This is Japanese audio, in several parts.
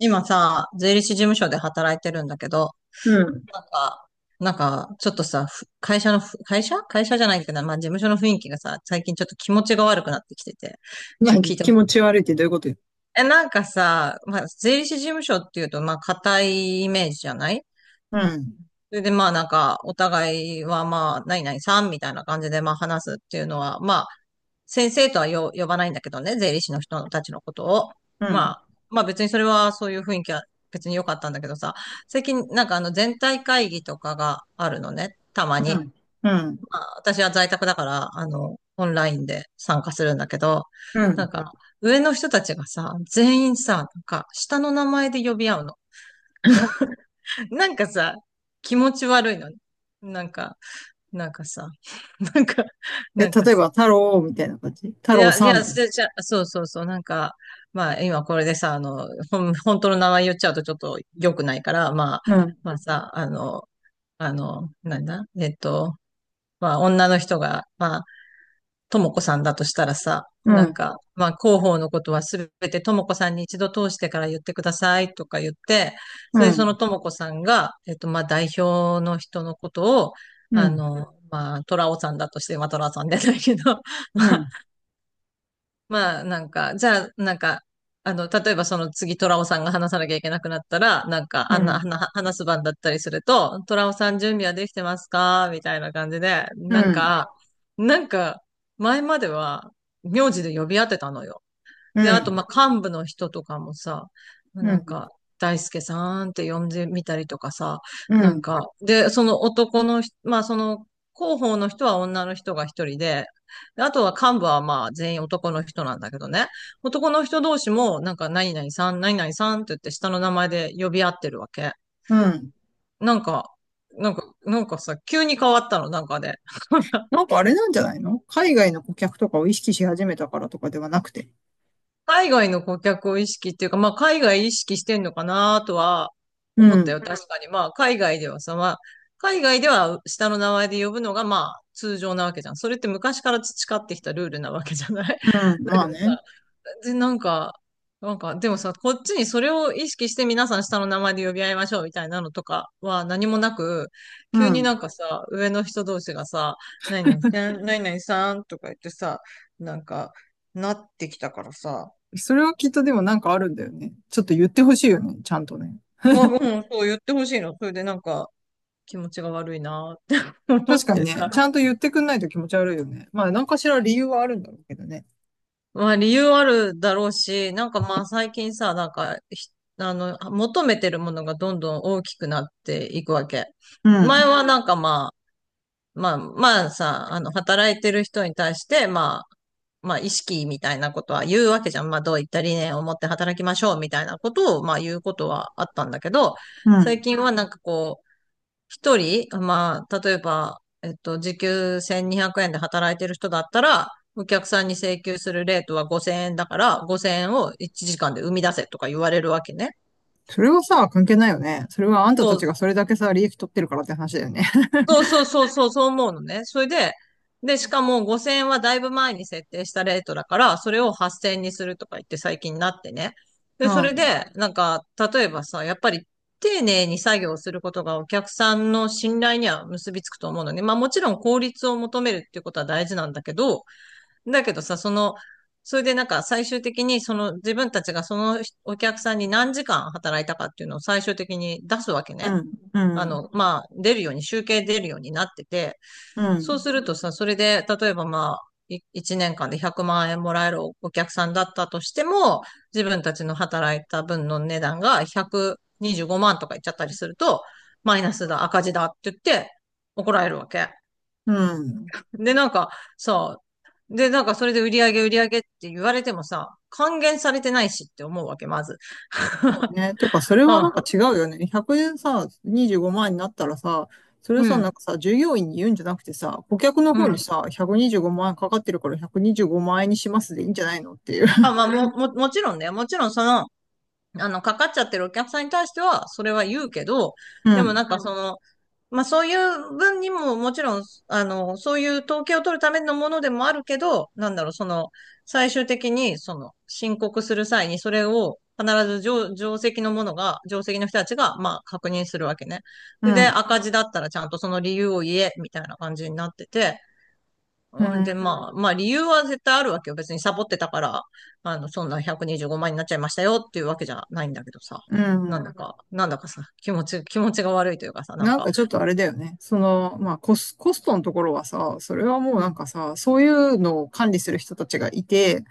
今さ、税理士事務所で働いてるんだけど、うん。ちょっとさ、ふ会社のふ、会社会社じゃないけど、まあ事務所の雰囲気がさ、最近ちょっと気持ちが悪くなってきてて、ちょっと何、聞いてほ気し持い。ち悪いってどういうことよ。なんかさ、まあ税理士事務所っていうと、まあ固いイメージじゃない？うん、それでまあお互いはまあ、何々さんみたいな感じでまあ話すっていうのは、まあ、先生とは呼ばないんだけどね、税理士の人たちのことを。うまん、あ、まあ別にそれはそういう雰囲気は別に良かったんだけどさ、最近あの全体会議とかがあるのね、たまうに。ん、うん、まあ私は在宅だから、あの、オンラインで参加するんだけど、うなんん。か、上の人たちがさ、全員さ、下の名前で呼び合うの。なんかさ、気持ち悪いのね。なんか、なんかさ、なんか、なえ、んか例えさ、ば、太郎みたいな感じ太い郎や、いさや、そん。れじゃ、そうそうそう、まあ、今これでさ、あの、本当の名前言っちゃうとちょっと良くないから、まあ、うん、まあさ、あの、あの、なんだ、えっと、まあ、女の人が、まあ、ともこさんだとしたらさ、うん、まあ、広報のことはすべてともこさんに一度通してから言ってくださいとか言って、うそれでそのん、ともこさんが、まあ、代表の人のことを、うん、うあん、の、まあ、トラオさんだとして、まあ、トラオさんじゃないけど、まうあ、ん、まあ、なんか、じゃあ、なんか、あの、例えばその次、トラオさんが話さなきゃいけなくなったら、なんか、うあんな、ん、はな話す番だったりすると、トラオさん準備はできてますかみたいな感じで、うん、なんか、前までは、名字で呼び合ってたのよ。うで、あと、まん、あ、幹部の人とかもさ、なんか、大輔さんって呼んでみたりとかさ、うん、その男の人、まあ、その、広報の人は女の人が一人で、であとは幹部はまあ全員男の人なんだけどね。男の人同士も何々さん、何々さんって言って下の名前で呼び合ってるわけ。うん。なんか、なんか、なんかさ、急に変わったの、なんかで。なんかあれなんじゃないの？海外の顧客とかを意識し始めたからとかではなくて。海外の顧客を意識っていうか、まあ、海外意識してんのかなとはう思ったよ。ん、うん、確かに。まあ、海外ではさ、まあ、海外では下の名前で呼ぶのが、まあ、通常なわけじゃん。それって昔から培ってきたルールなわけじゃない？ うん、だけまどあさ、ね。で、なんか、なんか、でもさ、こっちにそれを意識して皆さん下の名前で呼び合いましょうみたいなのとかは何もなく、う急にん。なんかさ、上の人同士がさ、何々さん、何々さんとか言ってさ、なんか、なってきたからさ、それはきっとでもなんかあるんだよね。ちょっと言ってほしいよね、ちゃんとね。まあ、うん、そう言ってほしいの。それで気持ちが悪いなって 思確っかにてね、ちゃさ。んと言ってくんないと気持ち悪いよね。まあ、何かしら理由はあるんだろうけどね。まあ理由あるだろうし、まあ最近さ、なんかひ、あの、求めてるものがどんどん大きくなっていくわけ。う前ん、はまあ、まあまあさ、あの、働いてる人に対して、まあ、まあ意識みたいなことは言うわけじゃん。まあどういった理念を持って働きましょうみたいなことを、まあ言うことはあったんだけど、う最ん。近は一人、まあ、例えば、えっと、時給1200円で働いてる人だったら、お客さんに請求するレートは5000円だから、5000円を1時間で生み出せとか言われるわけね。それはさ、関係ないよね。それはあんたたそう、ちがそれだけさ、利益取ってるからって話だよね。そうそうそうそう、そう思うのね。それで、しかも5000円はだいぶ前に設定したレートだから、それを8000円にするとか言って最近になってね。うで、それん、で、なんか、例えばさ、やっぱり丁寧に作業することがお客さんの信頼には結びつくと思うのね。まあもちろん効率を求めるっていうことは大事なんだけど、だけどさ、その、それで最終的にその自分たちがそのお客さんに何時間働いたかっていうのを最終的に出すわけうね。ん、うあん、の、まあ、出るように、集計出るようになってて、うそうん、するとさ、それで、例えばまあ、1年間で100万円もらえるお客さんだったとしても、自分たちの働いた分の値段が125万とかいっちゃったりすると、マイナスだ、赤字だって言って怒られるわけ。うん。で、なんかさ、で、なんかそれで売り上げ売り上げって言われてもさ、還元されてないしって思うわけ、まず。そう ね。てか、それうはなん、んか違うよね。100円さ、25万円になったらさ、それうさ、なんん、かさ、従業員に言うんじゃなくてさ、顧客のう方にん。さ、125万円かかってるから125万円にしますでいいんじゃないのっていう。あ、まあ、もちろんね、もちろんその、あの、かかっちゃってるお客さんに対しては、それは言うけど、うでもん、その、まあそういう分にももちろん、あの、そういう統計を取るためのものでもあるけど、なんだろう、その、最終的に、その、申告する際に、それを必ず上席のものが、上席の人たちが、まあ確認するわけね。うそれでん、赤字だったらちゃんとその理由を言え、みたいな感じになってて、うほんで、ん、まあ、まあ理由は絶対あるわけよ。別にサボってたから、あの、そんな125万にじゅうごまんになっちゃいましたよっていうわけじゃないんだけどさ。うん。なんだかさ、気持ちが悪いというかさ、なんかちょっとあれだよね。その、まあ、コストのところはさ、それはもううなんん。かさ、そういうのを管理する人たちがいて、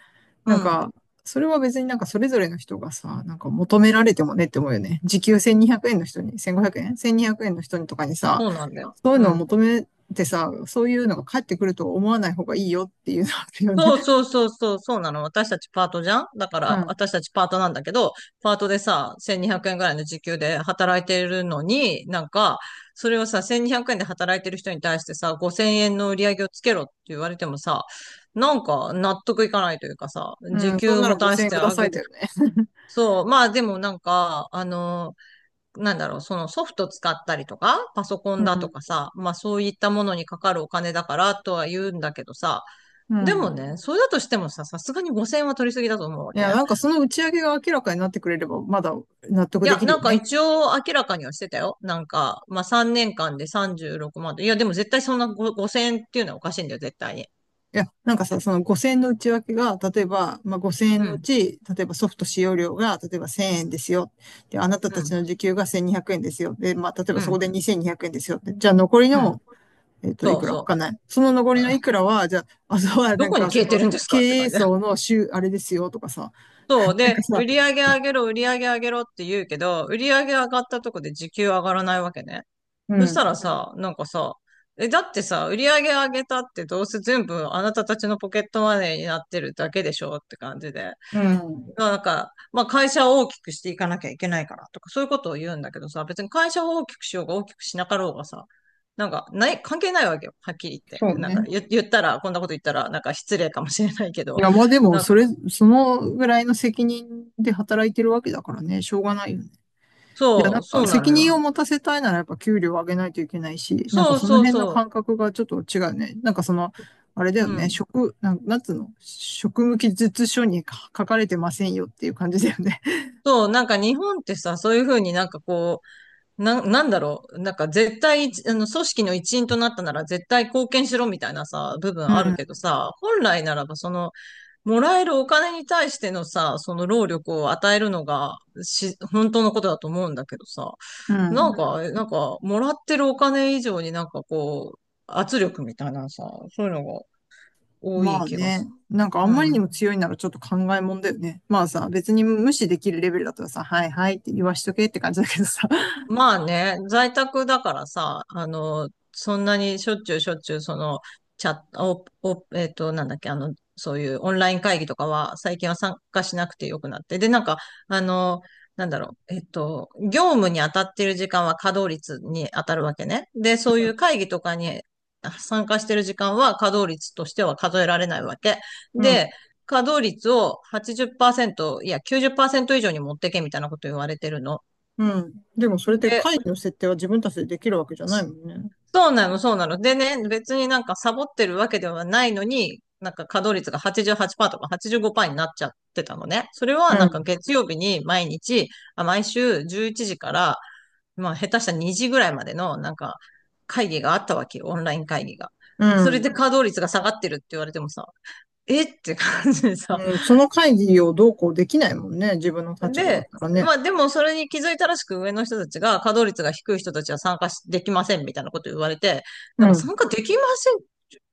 うなんん、か、それは別になんかそれぞれの人がさ、なんか求められてもねって思うよね。時給1200円の人に、1500円 ?1200 円の人にとかにさ、そうなんだよ。そういううのをん。求めてさ、そういうのが返ってくると思わない方がいいよっていうのあるよそうね。そうそうそう、そうなの。私 たちパートなんだけど、パートでさ、1200円ぐらいの時給で働いてるのに、それをさ、1200円で働いてる人に対してさ、5000円の売り上げをつけろって言われてもさ、納得いかないというかさ、うん。時うん。そん給ならも出5000し円てくだあさげいて、だよね。そう、まあでもなんか、あの、なんだろう、そのソフト使ったりとか、パソコンだとか さ、まあそういったものにかかるお金だからとは言うんだけどさ、うん。うでもん。ね、それだとしてもさ、さすがに5000は取りすぎだと思うわいけ。や、なんかその打ち上げが明らかになってくれれば、まだ納得いでや、きるよね。一応明らかにはしてたよ。なんか、まあ3年間で36万でさんじゅうろくまんと。いや、でも絶対そんな5000っていうのはおかしいんだよ、絶対に。いや、なんかさ、その5000円の内訳が、例えば、まあ、5000円うのうん、ち、例えばソフト使用料が、例えば1000円ですよ。で、あなたたうちん、の時給が1200円ですよ。で、まあ、例えばうそこん、で2200円ですよ。でじゃあ残りうん。の、いそうくらわそかんない。その残う。りのいくらは、じゃあ、あとはなどんこにか、そ消えての、るんです経かって営感じ。層の週、あれですよとかさ、そう。なんで、かさ、売り上げ上げろ、売り上げ上げろって言うけど、売り上げ上がったとこで時給上がらないわけね。うそしたらん、さ、なんかさ、だってさ、売り上げ上げたってどうせ全部あなたたちのポケットマネーになってるだけでしょって感じで。うん、まあなんか、まあ会社を大きくしていかなきゃいけないからとかそういうことを言うんだけどさ、別に会社を大きくしようが大きくしなかろうがさ、なんか、ない、関係ないわけよ。はっきり言って。そうなんかね。言ったら、こんなこと言ったら、なんか失礼かもしれないけいど。や、まあでも、なんそか、れ、そのぐらいの責任で働いてるわけだからね、しょうがないよね。いや、なそんう、そかうな責のよ。任を持たせたいならやっぱ給料を上げないといけないし、なんかそうそのそう辺のそ感覚がちょっと違うね。なんかその、あれだう。ようね、ん。職、なん、なんつうの、職務記述書にか書かれてませんよっていう感じだよね。そう、なんか日本ってさ、そういうふうになんかこう、なんだろう。なんか絶対、組織の一員となったなら絶対貢献しろみたいなさ、部分あるけど さ、本来ならばその、もらえるお金に対してのさ、その労力を与えるのが、本当のことだと思うんだけどさ、うん、うなんん。か、なんか、もらってるお金以上になんかこう、圧力みたいなさ、そういうのが多まいあ気がすね、なんかある。うんまりにん、も強いならちょっと考えもんだよね。まあさ、別に無視できるレベルだったらさ、はいはいって言わしとけって感じだけどさ。まあね、在宅だからさ、そんなにしょっちゅうしょっちゅう、その、チャット、お、お、えっと、なんだっけ、そういうオンライン会議とかは、最近は参加しなくてよくなって。で、なんか、あの、なんだろう、業務に当たってる時間は稼働率に当たるわけね。で、そういう会議とかに参加してる時間は稼働率としては数えられないわけ。うん、で、稼働率を80%、いや、90%以上に持ってけみたいなこと言われてるの。うん。でもそれってで、会議の設定は自分たちでできるわけじゃないもんね。そうなの、そうなの。でね、別になんかサボってるわけではないのに、なんか稼働率が88%とか85%になっちゃってたのね。それうはなんかん、月曜日に毎日、あ、毎週11時から、まあ下手したら2時ぐらいまでのなんか会議があったわけよ、オンライン会議が。うそれでん。稼働率が下がってるって言われてもさ、えって感じでさ、うん、その会議をどうこうできないもんね。自分の立場だっで、たらね。まあでもそれに気づいたらしく上の人たちが稼働率が低い人たちは参加しできませんみたいなこと言われて、なんかう参加できま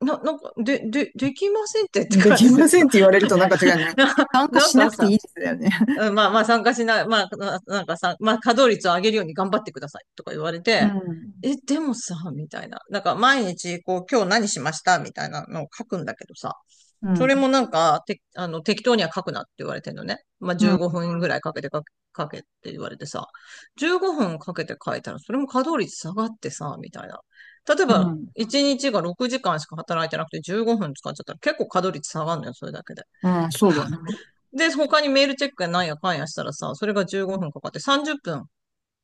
せん、なんか、で、できませんってってん。で感きじでますせか。んって言われるとなんか違うね。参加な、なんしなかくてさ、いいですだよね。うんまあまあ参加しない、まあな、なんかさ、まあ稼働率を上げるように頑張ってくださいとか言われうて、ん。え、でもさ、みたいな。なんか毎日こう今日何しましたみたいなのを書くんだけどさ、うそれん。もなんか、て、あの、適当には書くなって言われてんのね。まあ、う15ん。分ぐらいかけて書け、書けって言われてさ、15分かけて書いたら、それも稼働率下がってさ、みたいな。例えうば、ん。1日が6時間しか働いてなくて15分使っちゃったら結構稼働率下がるのよ、それだけで。うん。そうだね。で、他にメールチェックやなんやかんやしたらさ、それが15分かかって30分、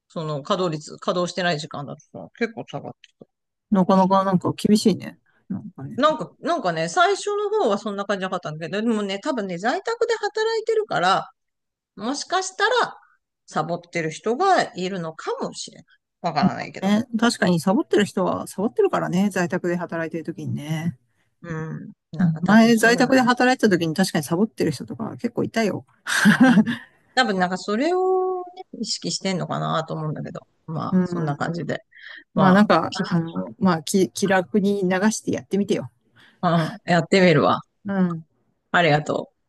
その稼働率、稼働してない時間だとさ、結構下がってた。なかなかなんか厳しいね。なんかね。なんかね、最初の方はそんな感じなかったんだけど、でもね、多分ね、在宅で働いてるから、もしかしたら、サボってる人がいるのかもしれない。わからないけど。ね、確かにサボってる人はサボってるからね。在宅で働いてる時にね。うん。うなんん、か多分前、そ在ういう宅でのね。働いてた時に確かにサボってる人とか結構いたよ。うん。多分なんかそれを、ね、意識してんのかなと思うんだけど。まうあ、そんなん。感じで。まあなまんあ、か、まあ気楽に流してやってみてよ。うん、やってみるわ。うん。ありがとう。